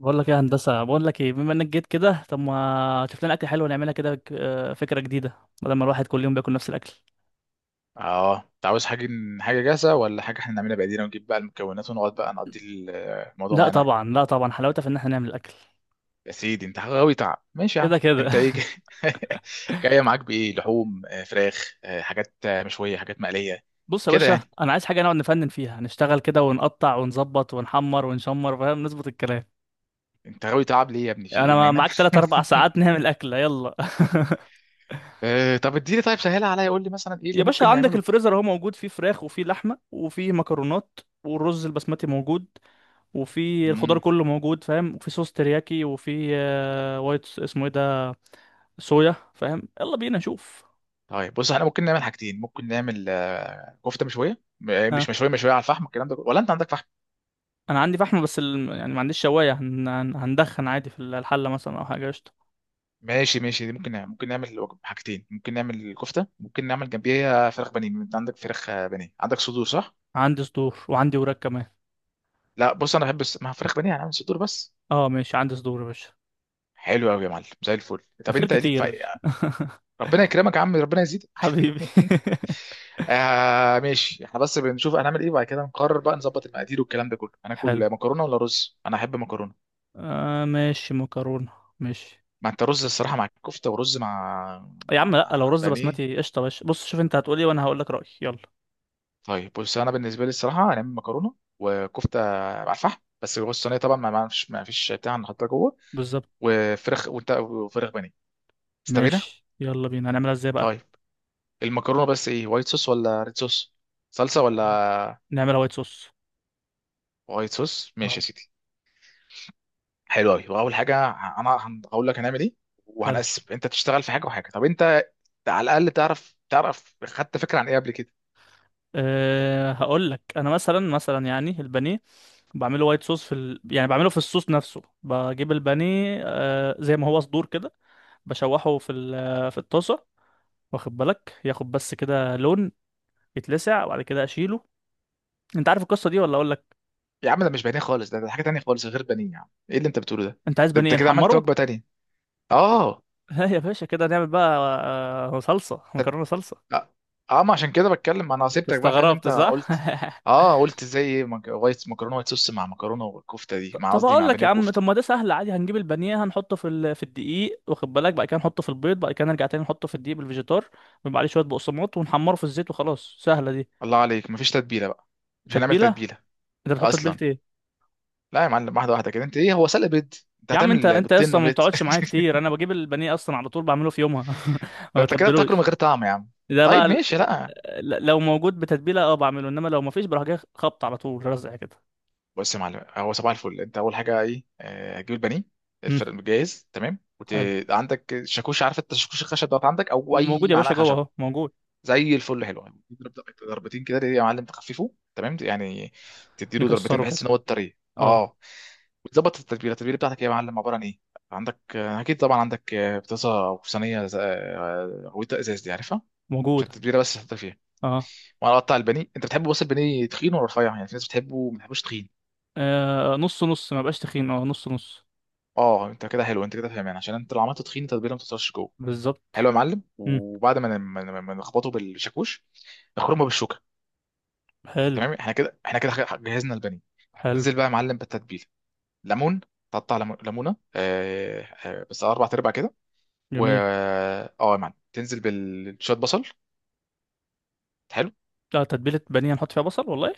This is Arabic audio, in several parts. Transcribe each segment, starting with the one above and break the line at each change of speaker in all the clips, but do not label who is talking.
بقول لك ايه يا هندسه؟ بقول لك ايه، بما انك جيت كده طب ما تشوف لنا اكل حلو نعملها كده، فكره جديده. بدل ما الواحد كل يوم بياكل نفس الاكل.
اه، انت عاوز حاجه؟ حاجه جاهزه ولا حاجه احنا نعملها بايدينا ونجيب بقى المكونات ونقعد بقى نقضي الموضوع
لا
معانا.
طبعا، لا طبعا، حلاوتها في ان احنا نعمل الاكل
يا سيدي انت غاوي تعب، ماشي يا عم.
كده كده.
انت ايه جايه معاك بايه؟ لحوم، فراخ، حاجات، مشويه، حاجات مقليه؟
بص يا
كده
باشا،
يعني؟
انا عايز حاجه نقعد نفنن فيها، نشتغل كده ونقطع ونظبط ونحمر ونشمر، فاهم؟ نظبط الكلام.
انت غاوي تعب ليه يا ابني، في ايه ما
انا
ينام؟
معاك 3 4 ساعات. نعمل اكله، يلا.
طب اديني، طيب سهلها عليا، قول لي مثلا ايه اللي
يا باشا،
ممكن
عندك
نعمله.
الفريزر اهو، موجود فيه فراخ وفيه لحمه وفيه مكرونات، والرز البسمتي موجود. وفي الخضار
امم
كله موجود، فاهم، وفي صوص ترياكي وفي وايت، اسمه ايه ده؟ صويا، فاهم؟ يلا بينا نشوف.
طيب بص، احنا ممكن نعمل حاجتين، ممكن نعمل كفته مشويه، م- آه،
اه،
مش مشويه مشويه على الفحم، الكلام ده كله. ولا انت عندك فحم؟
انا عندي فحم بس يعني ما عنديش شوايه، هندخن عادي في الحله مثلا او حاجه، قشطه.
ماشي ماشي، دي ممكن نعمل، ممكن نعمل حاجتين، ممكن نعمل كفته، ممكن نعمل جنبيها فراخ بانيه. انت عندك فراخ بانيه؟ عندك صدور صح؟
عندي صدور وعندي وراك كمان.
لا بص، انا بحب مع فراخ بانيه هنعمل صدور بس.
اه ماشي، عندي صدور يا باشا.
حلو قوي يا معلم، زي الفل. طب
الخير
انت ليك في
كتير.
ربنا يكرمك يا عم، ربنا يزيدك.
حبيبي.
آه ماشي، احنا بس بنشوف هنعمل ايه، وبعد كده نقرر بقى، نظبط المقادير والكلام ده كله.
حلو.
هناكل مكرونه ولا رز؟ انا احب مكرونه.
آه ماشي، مكرونه، ماشي.
ما انت رز الصراحه مع الكفته، ورز مع
يا عم،
مع,
لا، لو
مع
رز
بانيه.
بسمتي قشطه باشا. بص، شوف انت هتقولي وانا هقول لك رايي، يلا.
طيب بص، انا بالنسبه لي الصراحه هنعمل مكرونه وكفته على الفحم، بس جوه الصينيه طبعا، ما فيش بتاع، نحطها جوه.
بالظبط.
وفراخ وفراخ بانيه. استبينا.
ماشي، يلا بينا، هنعملها ازاي بقى؟
طيب، المكرونه بس ايه، وايت صوص ولا ريد صوص؟ صلصه
آه،
ولا
نعملها وايت صوص.
وايت صوص؟ ماشي
آه.
يا سيدي. حلو قوي. واول حاجه هقول لك هنعمل ايه،
حلو.
وهنقسم، انت تشتغل في حاجه وحاجه. طب انت على الاقل تعرف، تعرف خدت فكره عن ايه قبل كده؟
أه، هقول لك انا، مثلا يعني البانيه بعمله وايت صوص، يعني بعمله في الصوص نفسه، بجيب البانيه زي ما هو صدور كده، بشوحه في الطاسه. واخد بالك، ياخد بس كده لون، يتلسع وبعد كده اشيله. انت عارف القصه دي ولا اقول لك؟
يا عم ده مش بانيه خالص، ده حاجه تانيه خالص غير بانيه يا عم، ايه اللي انت بتقوله ده؟
انت عايز
ده انت
بانيه
كده عملت
نحمره؟
وجبه تانيه. اه.
لا يا باشا، كده نعمل بقى صلصه مكرونه صلصه.
لا اه، ما عشان كده بتكلم، انا
انت
سبتك بقى فاهم انت
استغربت، صح؟
قلت. اه قلت زي ايه، وايت مكرونه، وايت صوص مع مكرونه، والكفته دي مع،
طب
قصدي
اقول
مع
لك
بانيه
يا عم،
وكفته.
طب ما ده سهل عادي. هنجيب البانيه، هنحطه في الدقيق، واخد بالك، بعد كده نحطه في البيض، بعد كده نرجع تاني نحطه في الدقيق بالفيجيتار، ويبقى عليه شويه بقسماط ونحمره في الزيت وخلاص، سهله دي.
الله عليك، مفيش تتبيله بقى؟ مش هنعمل
تتبيله؟
تتبيله
انت بتحط تتبيله
اصلا؟
ايه؟
لا يا معلم، واحده واحده كده، انت ايه هو سلق بيض؟ انت
يا عم، انت
هتعمل
انت
بيضتين
اصلا ما
اومليت؟
بتقعدش معايا كتير، انا بجيب البانيه اصلا على طول بعمله في يومها. ما
ده انت كده بتاكله من
بتبلوش.
غير طعم يا عم.
ده
طيب
بقى
ماشي، لا.
لو موجود بتتبيله اه بعمله، انما لو ما فيش بروح جاي خبط على طول رزع كده.
بص يا معلم، هو صباح الفل. انت اول حاجه ايه؟ هتجيب البانيه،
امم
الفرن جاهز تمام،
حلو.
عندك شاكوش؟ عارف انت الشاكوش الخشب دوت، عندك او اي
موجود يا
معلقه
باشا، جوه
خشب؟
اهو موجود.
زي الفل، حلو. يعني تضرب ضربتين كده يا معلم، تخففه تمام يعني، تديله ضربتين
نكسره
بحيث
كده،
ان هو الطريق.
اه.
اه. وتظبط التتبيله. التتبيله بتاعتك إيه يا معلم، عباره عن ايه؟ عندك، اكيد طبعا عندك، بطاطا او صينيه غويطه ازاز، دي عارفها؟
موجود،
عشان التتبيله بس تحط فيها.
اه.
وانا اقطع البانيه. انت بتحبه بس البانيه تخين ولا رفيع؟ يعني في ناس بتحبه، ما بتحبوش تخين.
نص نص ما بقاش تخين، اه، نص نص.
اه انت كده حلو، انت كده فاهمان، عشان انت لو عملته تخين التتبيله ما بتوصلش جوه. حلو
بالظبط.
يا معلم.
امم
وبعد ما نخبطه بالشاكوش، نخرمه بالشوكه.
حلو،
تمام، احنا كده احنا كده، جهزنا البانيه.
حلو،
انزل بقى يا معلم بالتتبيله. ليمون، تقطع ليمونه، بس اربع ارباع كده. و
جميل.
اه يا معلم، تنزل بالشويه بصل. حلو.
لا، تتبيلة بانيه نحط فيها بصل؟ والله.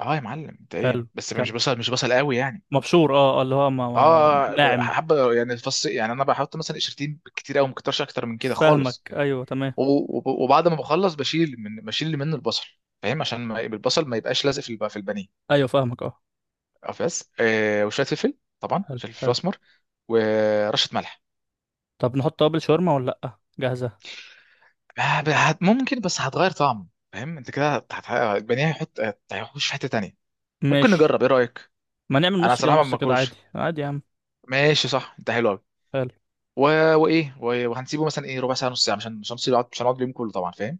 اه يا معلم، انت ايه
حلو،
بس، مش
كمل.
بصل، مش بصل قوي يعني.
مبشور، اه، اللي هو ما
اه
ناعم.
حبه يعني، فص يعني، انا بحط مثلا قشرتين، كتير قوي ما كترش، اكتر من كده خالص.
فاهمك، ايوه تمام.
وبعد ما بخلص بشيل، من بشيل اللي منه البصل، فاهم، عشان ما البصل ما يبقاش لازق في في البانيه.
ايوه فاهمك، اه.
بس وشويه فلفل طبعا،
حلو،
عشان الفلفل
حلو.
الاسمر. ورشه ملح.
طب نحط توابل شاورما ولا لأ جاهزة؟
ما ب- هت- ممكن، بس هتغير طعم فاهم، انت كده البانيه هيحط، هيخش في حته تانية. ممكن
ماشي،
نجرب، ايه رايك؟
ما نعمل
انا
نص كده
صراحه
ونص
ما
كده عادي،
باكلوش.
عادي يا عم.
ماشي، صح، انت حلو قوي.
حلو،
و... وايه، وهنسيبه مثلا ايه، ربع ساعه نص ساعه، عشان نسيبه، مش هنقعد اليوم كله طبعا فاهم.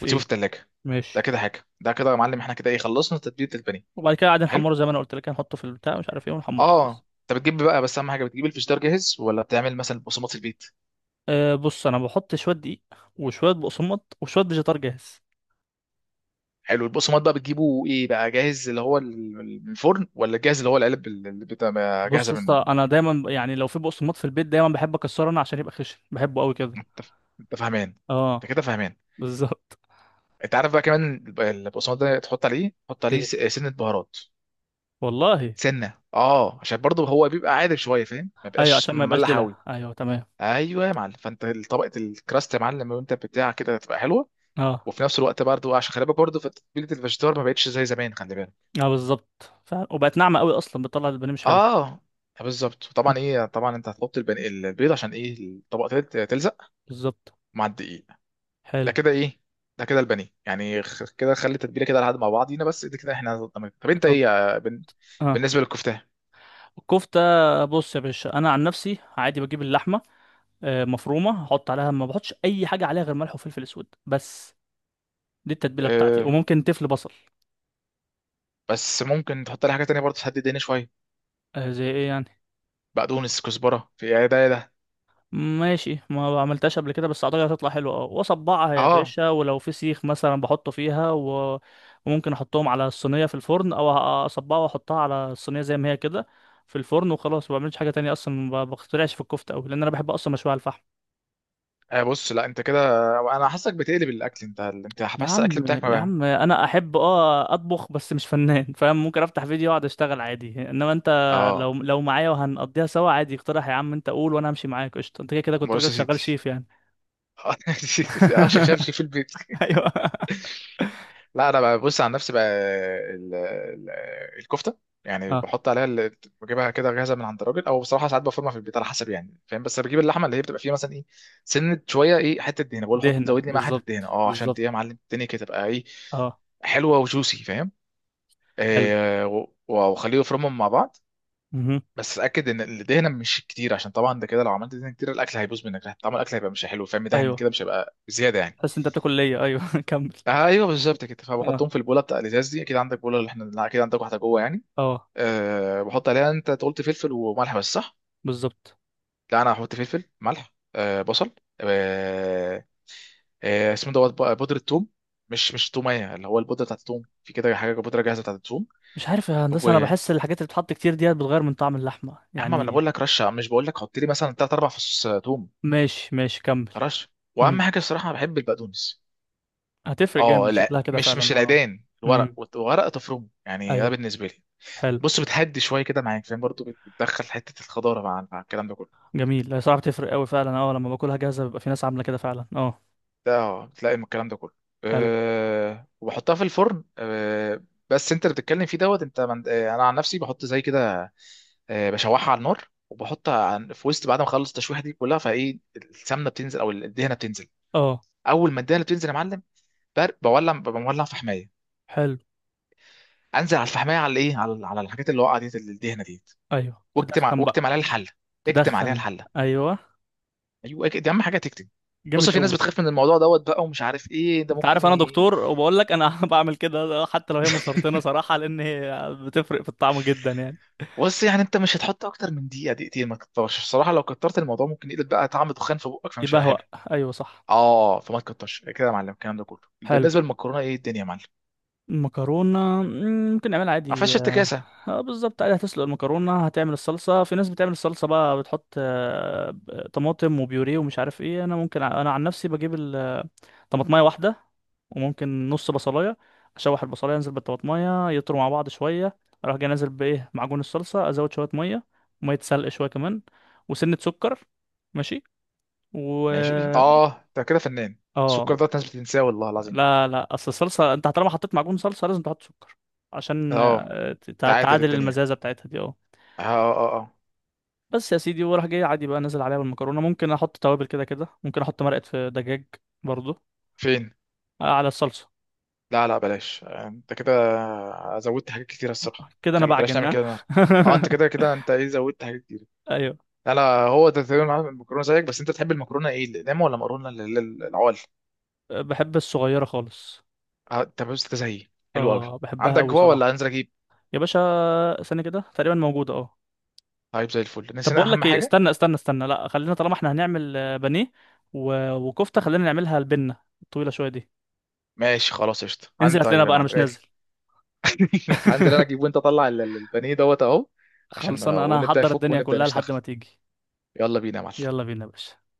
وتسيبه في الثلاجه. ده
ماشي.
كده حاجه. ده كده يا معلم، احنا كده ايه، خلصنا تتبيله البانيه.
وبعد كده قاعد
حلو
نحمره زي ما انا قلت لك، هنحطه في البتاع، مش عارف ايه، ونحمره
اه
بس.
انت بتجيب بقى، بس اهم حاجه، بتجيب الفشدار جاهز ولا بتعمل مثلا البقسماط في البيت؟
أه بص، انا بحط شوية دقيق وشوية بقسماط وشوية فيجيتار جاهز.
حلو. البقسماط بقى بتجيبه ايه بقى، جاهز اللي هو من الفرن، ولا جاهز اللي هو العلب اللي بتبقى
بص
جاهزه
يا
من؟
اسطى، انا دايما يعني لو في بقسماط في البيت دايما بحب اكسره انا عشان يبقى خشن، بحبه قوي كده.
انت فاهمان،
اه،
انت كده فاهمان.
بالظبط،
انت عارف بقى كمان البقسماط ده، تحط عليه، تحط عليه
ايه
سنه بهارات،
والله.
سنه، اه، عشان برضه هو بيبقى عادل شويه فاهم، ما
ايوه
بيبقاش
عشان ما يبقاش
مملح قوي.
دلع، ايوه تمام.
ايوه يا معلم، فانت طبقه الكراست يا معلم، وانت بتاع كده تبقى حلوه.
اه،
وفي نفس الوقت برضه، عشان خلي بالك برضه، فتتبيله الفيجيتار ما بقتش زي زمان، خلي بالك.
اه، بالظبط فعلا، وبقت ناعمه قوي اصلا، بتطلع البانيه مش حلو.
اه بالظبط
م.
طبعا، ايه طبعا، انت هتحط البيض عشان ايه؟ الطبقه تلزق
بالظبط،
مع الدقيق. ده
حلو.
كده ايه، ده كده البانيه يعني، كده خلي التتبيله كده لحد مع بعضينا بس. ده كده احنا تمام. طب انت
طب،
ايه يا
اه،
بالنسبه للكفته.
الكفته. بص يا باشا، انا عن نفسي عادي بجيب اللحمه مفرومه، احط عليها، ما بحطش اي حاجه عليها غير ملح وفلفل اسود بس. دي التتبيله بتاعتي،
اه،
وممكن تفل بصل.
بس ممكن تحط لي حاجه تانية برضه، تهدي الدنيا شويه.
زي ايه يعني؟
بقدونس، كزبره، في ايه، ده ايه ده.
ماشي، ما عملتهاش قبل كده بس اعتقد هتطلع حلوه، اه، واصبعها يا
اه
باشا، ولو في سيخ مثلا بحطه فيها وممكن احطهم على الصينيه في الفرن، او اصبعها واحطها على الصينيه زي ما هي كده في الفرن وخلاص. ما بعملش حاجه تانية، اصلا ما بخترعش في الكفته قوي، لان انا بحب اصلا مشوي على الفحم.
بص لا انت كده، انا حاسسك بتقلب الاكل انت، انت
يا
بس
عم،
الاكل بتاعك ما
يا
بقى.
عم، انا احب اطبخ بس مش فنان. فاهم، ممكن افتح فيديو واقعد اشتغل عادي، انما انت، لو
اه،
لو معايا وهنقضيها سوا عادي، اقترح يا عم، انت قول وانا همشي معاك، قشطه، انت كده كده كنت
بص
راجل
يا سيدي،
شغال شيف يعني.
اه شغال في في البيت.
ايوه.
لا انا بقى بص عن نفسي بقى، ال- ال- الكفته يعني، بحط عليها اللي، بجيبها كده جاهزه من عند الراجل، او بصراحه ساعات بفرمها في البيت على حسب يعني فاهم. بس بجيب اللحمه اللي هي بتبقى فيها مثلا ايه، سنه شويه، ايه، حته دهنه، بقول له حط
دهنة،
زود لي معاها حته دهنه،
بالظبط،
اه، عشان ايه يا
بالظبط،
معلم الدنيا كده تبقى ايه،
اه،
حلوه وجوسي فاهم.
حلو،
واخليه يفرمهم مع بعض.
مهم.
بس اتاكد ان الدهنه مش كتير، عشان طبعا ده كده لو عملت دهنه كتير الاكل هيبوظ منك، طعم الاكل هيبقى مش حلو فاهم، دهن كده
ايوه،
مش هيبقى زياده يعني.
تحس انت بتاكل ليا، ايوه. كمل.
ايوه بالظبط كده.
اه،
فبحطهم في البوله بتاع الازاز دي، اكيد عندك بوله اللي احنا، لا، اكيد عندك واحده جوه يعني.
اه،
أه بحط عليها، انت قلت فلفل وملح بس صح؟
بالظبط.
لا انا هحط فلفل، ملح، أه بصل، أه، أه اسمه دوت بقى، بودره ثوم، مش مش توميه اللي هو البودره بتاعت الثوم، في كده حاجه بودره جاهزه بتاعت الثوم.
مش عارف يا
و
هندسة، انا
يا
بحس الحاجات اللي بتتحط كتير ديت بتغير من طعم اللحمة
عم، ما انا
يعني.
بقول لك رشه، مش بقول لك حط لي مثلا ثلاث اربع فصوص ثوم.
ماشي ماشي، كمل.
رشه.
امم
واهم حاجه الصراحه انا بحب البقدونس.
هتفرق
اه
جامد
لا،
شكلها كده
مش مش
فعلا، اه.
العيدان، الورق،
امم
ورق تفرمه يعني، ده
ايوه،
بالنسبه لي.
حلو،
بص بتهدي شويه كده معاك فاهم، برضو بتدخل حته الخضاره مع الكلام ده كله.
جميل، هي صراحة بتفرق قوي فعلا، اه. لما باكلها جاهزة بيبقى في ناس عاملة كده فعلا، اه.
ده اه بتلاقي من الكلام ده كله.
حلو،
أه وبحطها في الفرن، أه. بس انت اللي بتتكلم فيه دوت، انت أه انا عن نفسي بحط زي كده. أه بشوحها على النار وبحطها في وسط، بعد ما اخلص التشويحه دي كلها، فايه السمنه بتنزل او الدهنه بتنزل.
اه،
اول ما الدهنه بتنزل يا معلم، بولع، ببقى مولع فحمايه،
حلو،
انزل على الفحمايه على ايه، على الحاجات اللي وقعت ديت، الدهنه ديت،
ايوه تدخن
واكتم
بقى،
عليها الحله، اكتم عليها
تدخن،
الحله،
ايوه،
ايوه كده، دي اهم حاجه تكتب. بص
جامد
في ناس
قوي.
بتخاف من الموضوع دوت بقى ومش عارف ايه، ده
انت
ممكن
عارف انا دكتور وبقول لك انا، بعمل كده حتى لو هي مسرطنه صراحه، لان هي بتفرق في الطعم جدا يعني.
بص يعني انت مش هتحط اكتر من دقيقه دقيقتين، ما تكترش الصراحه، لو كترت الموضوع ممكن يقلب بقى طعم دخان في بقك، فمش هيبقى
يبهوأ،
حلو.
ايوه صح،
اه فما تكترش كده يا معلم الكلام ده كله.
حلو.
بالنسبه للمكرونه، ايه الدنيا يا معلم؟
مكرونة، ممكن نعملها
ما فيهاش
عادي، اه.
افتكاسه؟
بالظبط عادي، هتسلق المكرونة، هتعمل الصلصة. في ناس بتعمل الصلصة بقى بتحط طماطم وبيوريه ومش عارف ايه. انا انا عن نفسي بجيب طماطماية واحدة، وممكن نص بصلاية. اشوح البصلاية، انزل بالطماطماية، يطروا مع بعض شوية. اروح جاي نازل بايه، معجون الصلصة، ازود شوية مية، مية سلق شوية كمان، وسنة سكر. ماشي. و
ماشي اه انت كده فنان. السكر
اه،
ده ناس بتنساه والله العظيم.
لا، لا، اصل الصلصه انت طالما حطيت معجون صلصه لازم تحط سكر، عشان
اه تعادل
تعادل
الدنيا،
المزازه بتاعتها دي، اه.
اه اه اه،
بس يا سيدي، وراح جاي عادي بقى، نازل عليها بالمكرونه، ممكن احط توابل كده كده، ممكن احط مرقه في دجاج برضو.
فين؟
على الصلصه،
لا لا بلاش، انت كده زودت حاجات كتير الصراحه،
كده انا
خلي بلاش نعمل
بعجنها.
كده النهارده. اه انت كده كده انت ايه، زودت حاجات كتير.
ايوه.
لا لا. هو ده تقريبا عامل المكرونه زيك بس، انت تحب المكرونه ايه، الاقلام ولا مكرونه العوال؟
بحب الصغيره خالص.
اه انت بس انت زيي، حلو قوي.
اه، بحبها
عندك
قوي
جوا ولا
صراحه.
هنزل اجيب؟
يا باشا، ثانيه كده تقريبا موجوده، اه.
طيب زي الفل،
طب
نسينا
بقول
اهم
لك ايه،
حاجه.
استنى استنى استنى، لا خلينا، طالما احنا هنعمل بانيه وكفته، خلينا نعملها البنه الطويله شويه دي.
ماشي خلاص، قشطه. عن
انزل هات لنا
طيب يا
بقى، انا
معلم،
مش نازل.
قالت لي. هنزل انا اجيب، وانت طلع البانيه دوت اهو. عشان
خلصان، انا
ونبدا
هحضر
يفك
الدنيا
ونبدا
كلها لحد
نشتغل.
ما تيجي.
يلا بينا يا معلم.
يلا بينا يا باشا.